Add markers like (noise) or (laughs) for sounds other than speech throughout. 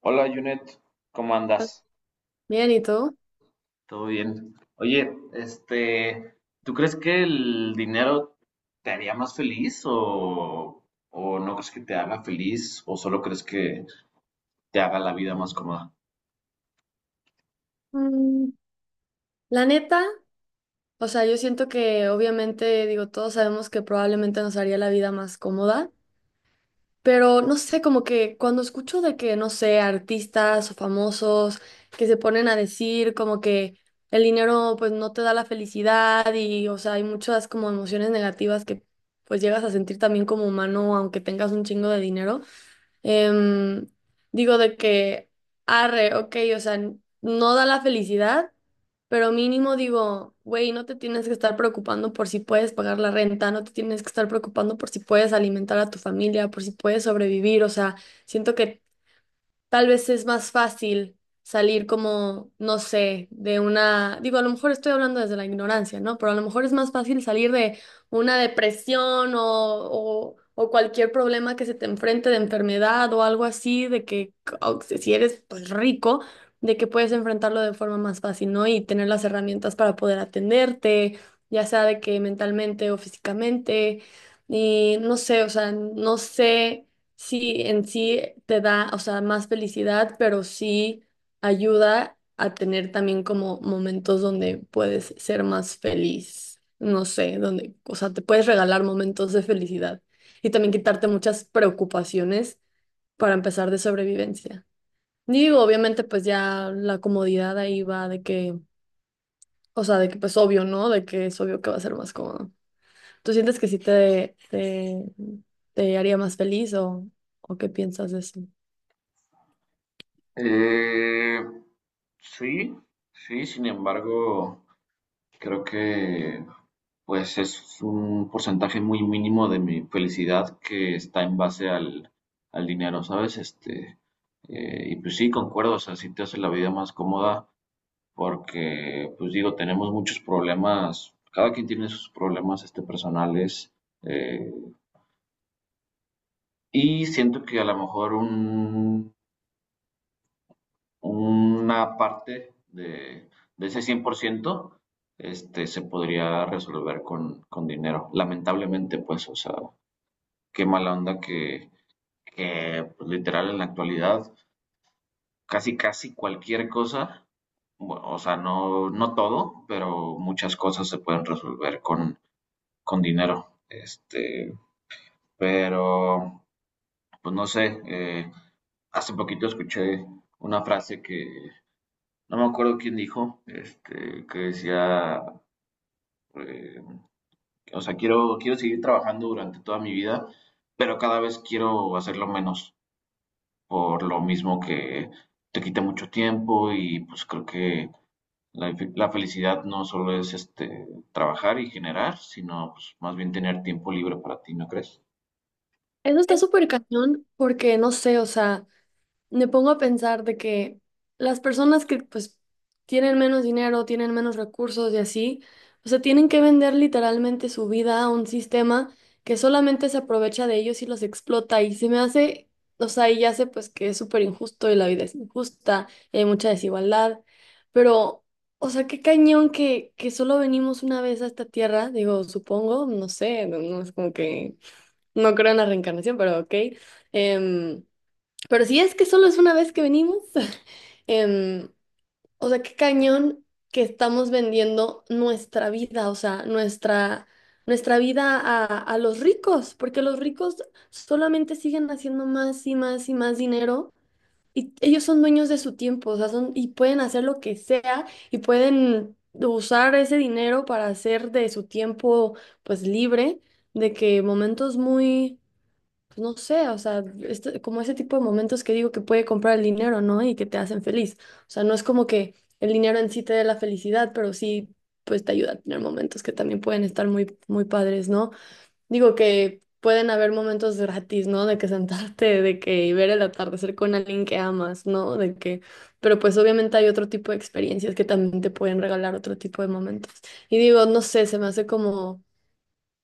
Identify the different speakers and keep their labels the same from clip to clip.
Speaker 1: Hola, Junet, ¿cómo andas?
Speaker 2: Bien, ¿y tú?
Speaker 1: ¿Todo bien? Oye, ¿tú crees que el dinero te haría más feliz o no crees que te haga feliz o solo crees que te haga la vida más cómoda?
Speaker 2: Mm, la neta, o sea, yo siento que obviamente, digo, todos sabemos que probablemente nos haría la vida más cómoda, pero no sé, como que cuando escucho de que, no sé, artistas o famosos que se ponen a decir como que el dinero pues no te da la felicidad y, o sea, hay muchas como emociones negativas que pues llegas a sentir también como humano aunque tengas un chingo de dinero. Em, digo de que, arre, ok, o sea, no da la felicidad, pero mínimo digo, güey, no te tienes que estar preocupando por si puedes pagar la renta, no te tienes que estar preocupando por si puedes alimentar a tu familia, por si puedes sobrevivir, o sea, siento que tal vez es más fácil salir como, no sé, de una, digo, a lo mejor estoy hablando desde la ignorancia, ¿no? Pero a lo mejor es más fácil salir de una depresión o, o cualquier problema que se te enfrente de enfermedad o algo así, de que o que si eres pues rico, de que puedes enfrentarlo de forma más fácil, ¿no? Y tener las herramientas para poder atenderte, ya sea de que mentalmente o físicamente, y no sé, o sea, no sé sí en sí te da, o sea, más felicidad, pero sí ayuda a tener también como momentos donde puedes ser más feliz. No sé, donde, o sea, te puedes regalar momentos de felicidad y también quitarte muchas preocupaciones para empezar de sobrevivencia. Digo, obviamente, pues ya la comodidad ahí va de que, o sea, de que pues obvio, ¿no? De que es obvio que va a ser más cómodo. ¿Tú sientes que sí te haría más feliz o qué piensas de eso?
Speaker 1: Eh, sí, sí, sin embargo, creo que pues es un porcentaje muy mínimo de mi felicidad que está en base al dinero, ¿sabes? Y pues sí, concuerdo, o sea, sí te hace la vida más cómoda, porque, pues digo, tenemos muchos problemas, cada quien tiene sus problemas personales, eh, y siento que a lo mejor una parte de ese 100% se podría resolver con dinero. Lamentablemente, pues, o sea, qué mala onda que pues, literal en la actualidad casi cualquier cosa, bueno, o sea, no todo, pero muchas cosas se pueden resolver con dinero. Pero, pues no sé, hace poquito escuché una frase que no me acuerdo quién dijo, que decía, eh, o sea, quiero seguir trabajando durante toda mi vida, pero cada vez quiero hacerlo menos, por lo mismo que te quita mucho tiempo y pues creo que la felicidad no solo es trabajar y generar, sino pues, más bien tener tiempo libre para ti, ¿no crees?
Speaker 2: Eso está súper cañón porque no sé, o sea, me pongo a pensar de que las personas que pues tienen menos dinero, tienen menos recursos y así, o sea, tienen que vender literalmente su vida a un sistema que solamente se aprovecha de ellos y los explota y se me hace, o sea, y ya sé pues que es súper injusto y la vida es injusta y hay mucha desigualdad, pero, o sea, qué cañón que solo venimos una vez a esta tierra, digo, supongo, no sé, no no es como que... No creo en la reencarnación, pero ok. Em, pero si es que solo es una vez que venimos, (laughs) em, o sea, qué cañón que estamos vendiendo nuestra vida, o sea, nuestra vida a los ricos, porque los ricos solamente siguen haciendo más y más y más dinero y ellos son dueños de su tiempo, o sea, son, y pueden hacer lo que sea y pueden usar ese dinero para hacer de su tiempo, pues, libre, de que momentos muy pues, no sé, o sea, como ese tipo de momentos que digo que puede comprar el dinero, ¿no? Y que te hacen feliz. O sea, no es como que el dinero en sí te dé la felicidad, pero sí, pues te ayuda a tener momentos que también pueden estar muy, muy padres, ¿no? Digo que pueden haber momentos gratis, ¿no? De que (laughs) sentarte, de que ver el atardecer con alguien que amas, ¿no? De que, pero pues obviamente hay otro tipo de experiencias que también te pueden regalar otro tipo de momentos. Y digo, no sé, se me hace como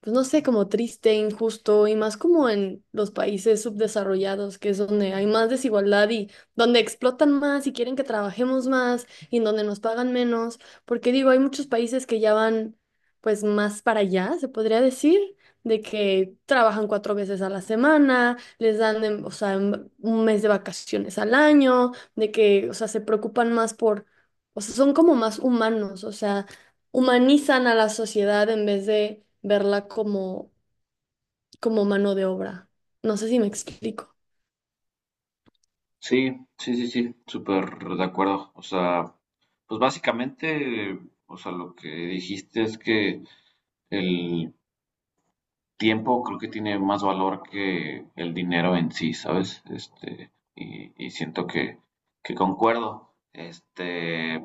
Speaker 2: pues no sé, como triste, injusto y más como en los países subdesarrollados, que es donde hay más desigualdad y donde explotan más y quieren que trabajemos más y en donde nos pagan menos, porque digo, hay muchos países que ya van pues más para allá, se podría decir, de que trabajan cuatro veces a la semana, les dan, o sea, un mes de vacaciones al año, de que, o sea, se preocupan más por... O sea, son como más humanos, o sea, humanizan a la sociedad en vez de verla como, como mano de obra. No sé si me explico.
Speaker 1: Sí, sí, sí, sí, súper de acuerdo. O sea, pues básicamente, o sea, lo que dijiste es que el tiempo creo que tiene más valor que el dinero en sí, ¿sabes? Y siento que concuerdo.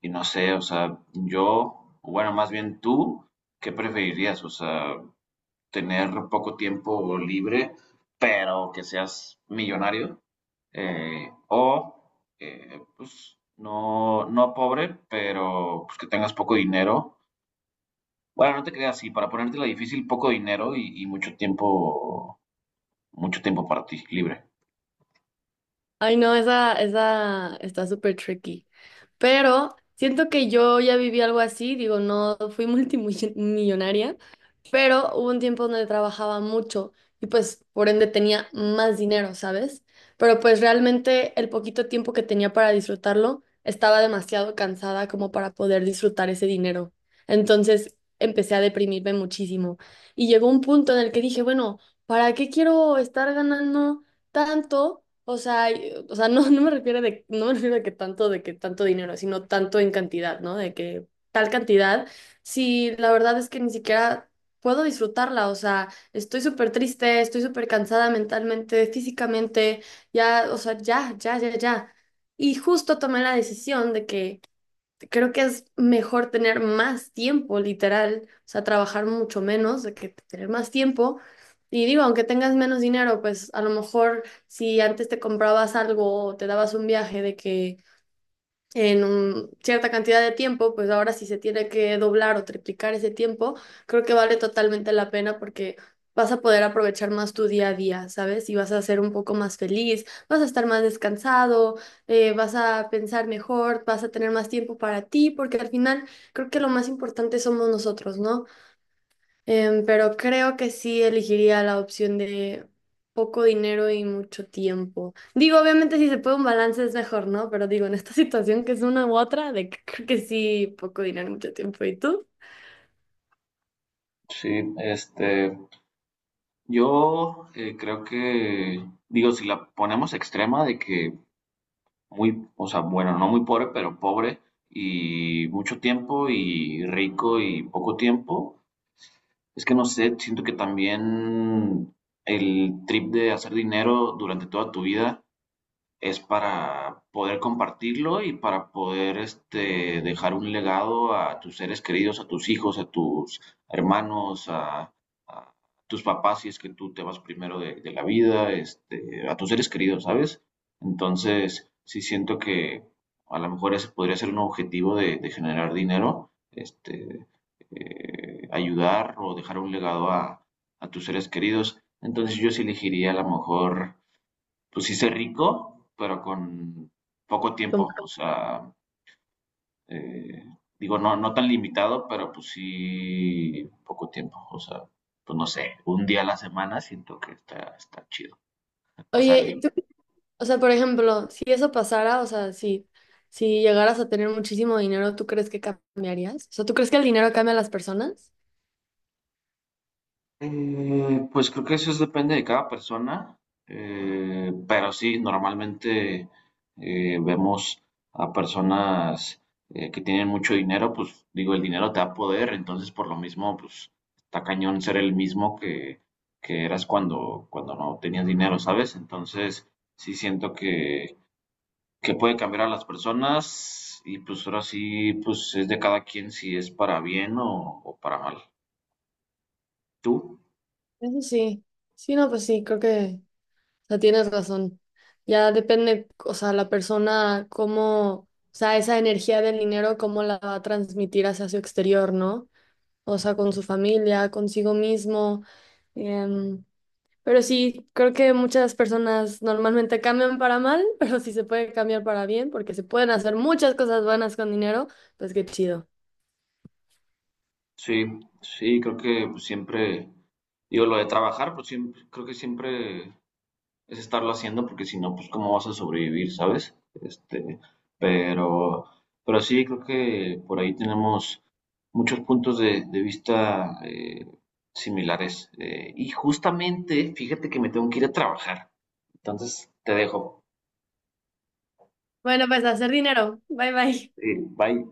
Speaker 1: Y no sé, o sea, yo, o bueno, más bien tú, ¿qué preferirías? O sea, tener poco tiempo libre, pero que seas millonario o pues no, no pobre, pero pues que tengas poco dinero. Bueno, no te creas así, para ponértela difícil, poco dinero y mucho tiempo para ti, libre.
Speaker 2: Ay, no, esa está súper tricky. Pero siento que yo ya viví algo así, digo, no fui (laughs) multimillonaria, pero hubo un tiempo donde trabajaba mucho y pues por ende tenía más dinero, ¿sabes? Pero pues realmente el poquito tiempo que tenía para disfrutarlo, estaba demasiado cansada como para poder disfrutar ese dinero. Entonces empecé a deprimirme muchísimo y llegó un punto en el que dije, bueno, ¿para qué quiero estar ganando tanto, o sea, o sea, no, (laughs) no me refiero de que tanto, dinero, sino tanto en cantidad, ¿no? De que tal cantidad, si la verdad es que ni siquiera puedo disfrutarla, o sea, estoy súper triste, estoy súper cansada mentalmente, físicamente, ya, o sea, ya, ya, ya, ya. Y justo tomé la decisión de que creo que es mejor tener más tiempo, literal, o sea, trabajar mucho menos de que tener más tiempo. Y digo, aunque tengas menos dinero, pues a lo mejor si antes te comprabas algo o te dabas un viaje de que cierta cantidad de tiempo, pues ahora si se tiene que doblar o triplicar ese tiempo, creo que vale totalmente la pena porque vas a poder aprovechar más tu día a día, ¿sabes? Y vas a ser un poco más feliz, vas a estar más descansado, vas a pensar mejor, vas a tener más tiempo para ti, porque al final creo que lo más importante somos nosotros, ¿no? Pero creo que sí elegiría la opción de poco dinero y mucho tiempo. Digo, obviamente si se puede un balance es mejor, ¿no? Pero digo, en esta (laughs) situación que es una u otra, de que creo que sí, poco dinero y mucho tiempo. ¿Y tú?
Speaker 1: Sí, yo creo que, digo, si la ponemos extrema de que muy, o sea, bueno, no muy pobre, pero pobre y mucho tiempo y rico y poco tiempo, es que no sé, siento que también el trip de hacer dinero durante toda tu vida es para poder compartirlo y para poder dejar un legado a tus seres queridos, a tus hijos, a tus hermanos, a tus papás, si es que tú te vas primero de la vida, a tus seres queridos, ¿sabes? Entonces, sí siento que a lo mejor ese podría ser un objetivo de generar dinero, ayudar o dejar un legado a tus seres queridos. Entonces yo sí elegiría a lo mejor pues hice rico, pero con poco
Speaker 2: Como-
Speaker 1: tiempo. O sea, eh, digo, no, no tan limitado, pero pues sí poco tiempo. O sea, pues no sé, un día a la semana siento que está, está chido. O sea,
Speaker 2: Oye, ¿y tú? O sea, por ejemplo, si eso pasara, o sea, si llegaras a tener muchísimo dinero, ¿tú crees que cambiarías? O sea, ¿tú crees que el dinero cambia a las personas?
Speaker 1: Pues creo que eso es- depende de cada persona, pero sí, normalmente vemos a personas que tienen mucho dinero, pues digo, el dinero te da poder, entonces por lo mismo, pues está cañón ser el mismo que eras cuando no tenías dinero, ¿sabes? Entonces sí siento que puede cambiar a las personas y pues ahora sí, pues es de cada quien si es para bien o para mal. ¿Tú?
Speaker 2: Eso sí. Sí, no, pues sí, creo que... o sea, tienes razón. Ya depende, o sea, la persona, cómo, o sea, esa energía del dinero, cómo la va a transmitir hacia su exterior, ¿no? O sea, con su familia, consigo mismo. em, pero sí, creo que muchas personas normalmente cambian para mal, (laughs) pero si se puede cambiar para bien, porque se pueden hacer muchas cosas buenas con dinero, pues qué chido.
Speaker 1: Sí, sí, creo que pues, siempre, digo, lo de trabajar, pues siempre, creo que siempre es estarlo haciendo, porque si no, pues cómo vas a sobrevivir, ¿sabes? Pero, pero sí, creo que por ahí tenemos muchos puntos de vista similares. Y justamente, fíjate que me tengo que ir a trabajar. Entonces, te dejo.
Speaker 2: Bueno, pues a hacer dinero. Bye bye.
Speaker 1: Bye.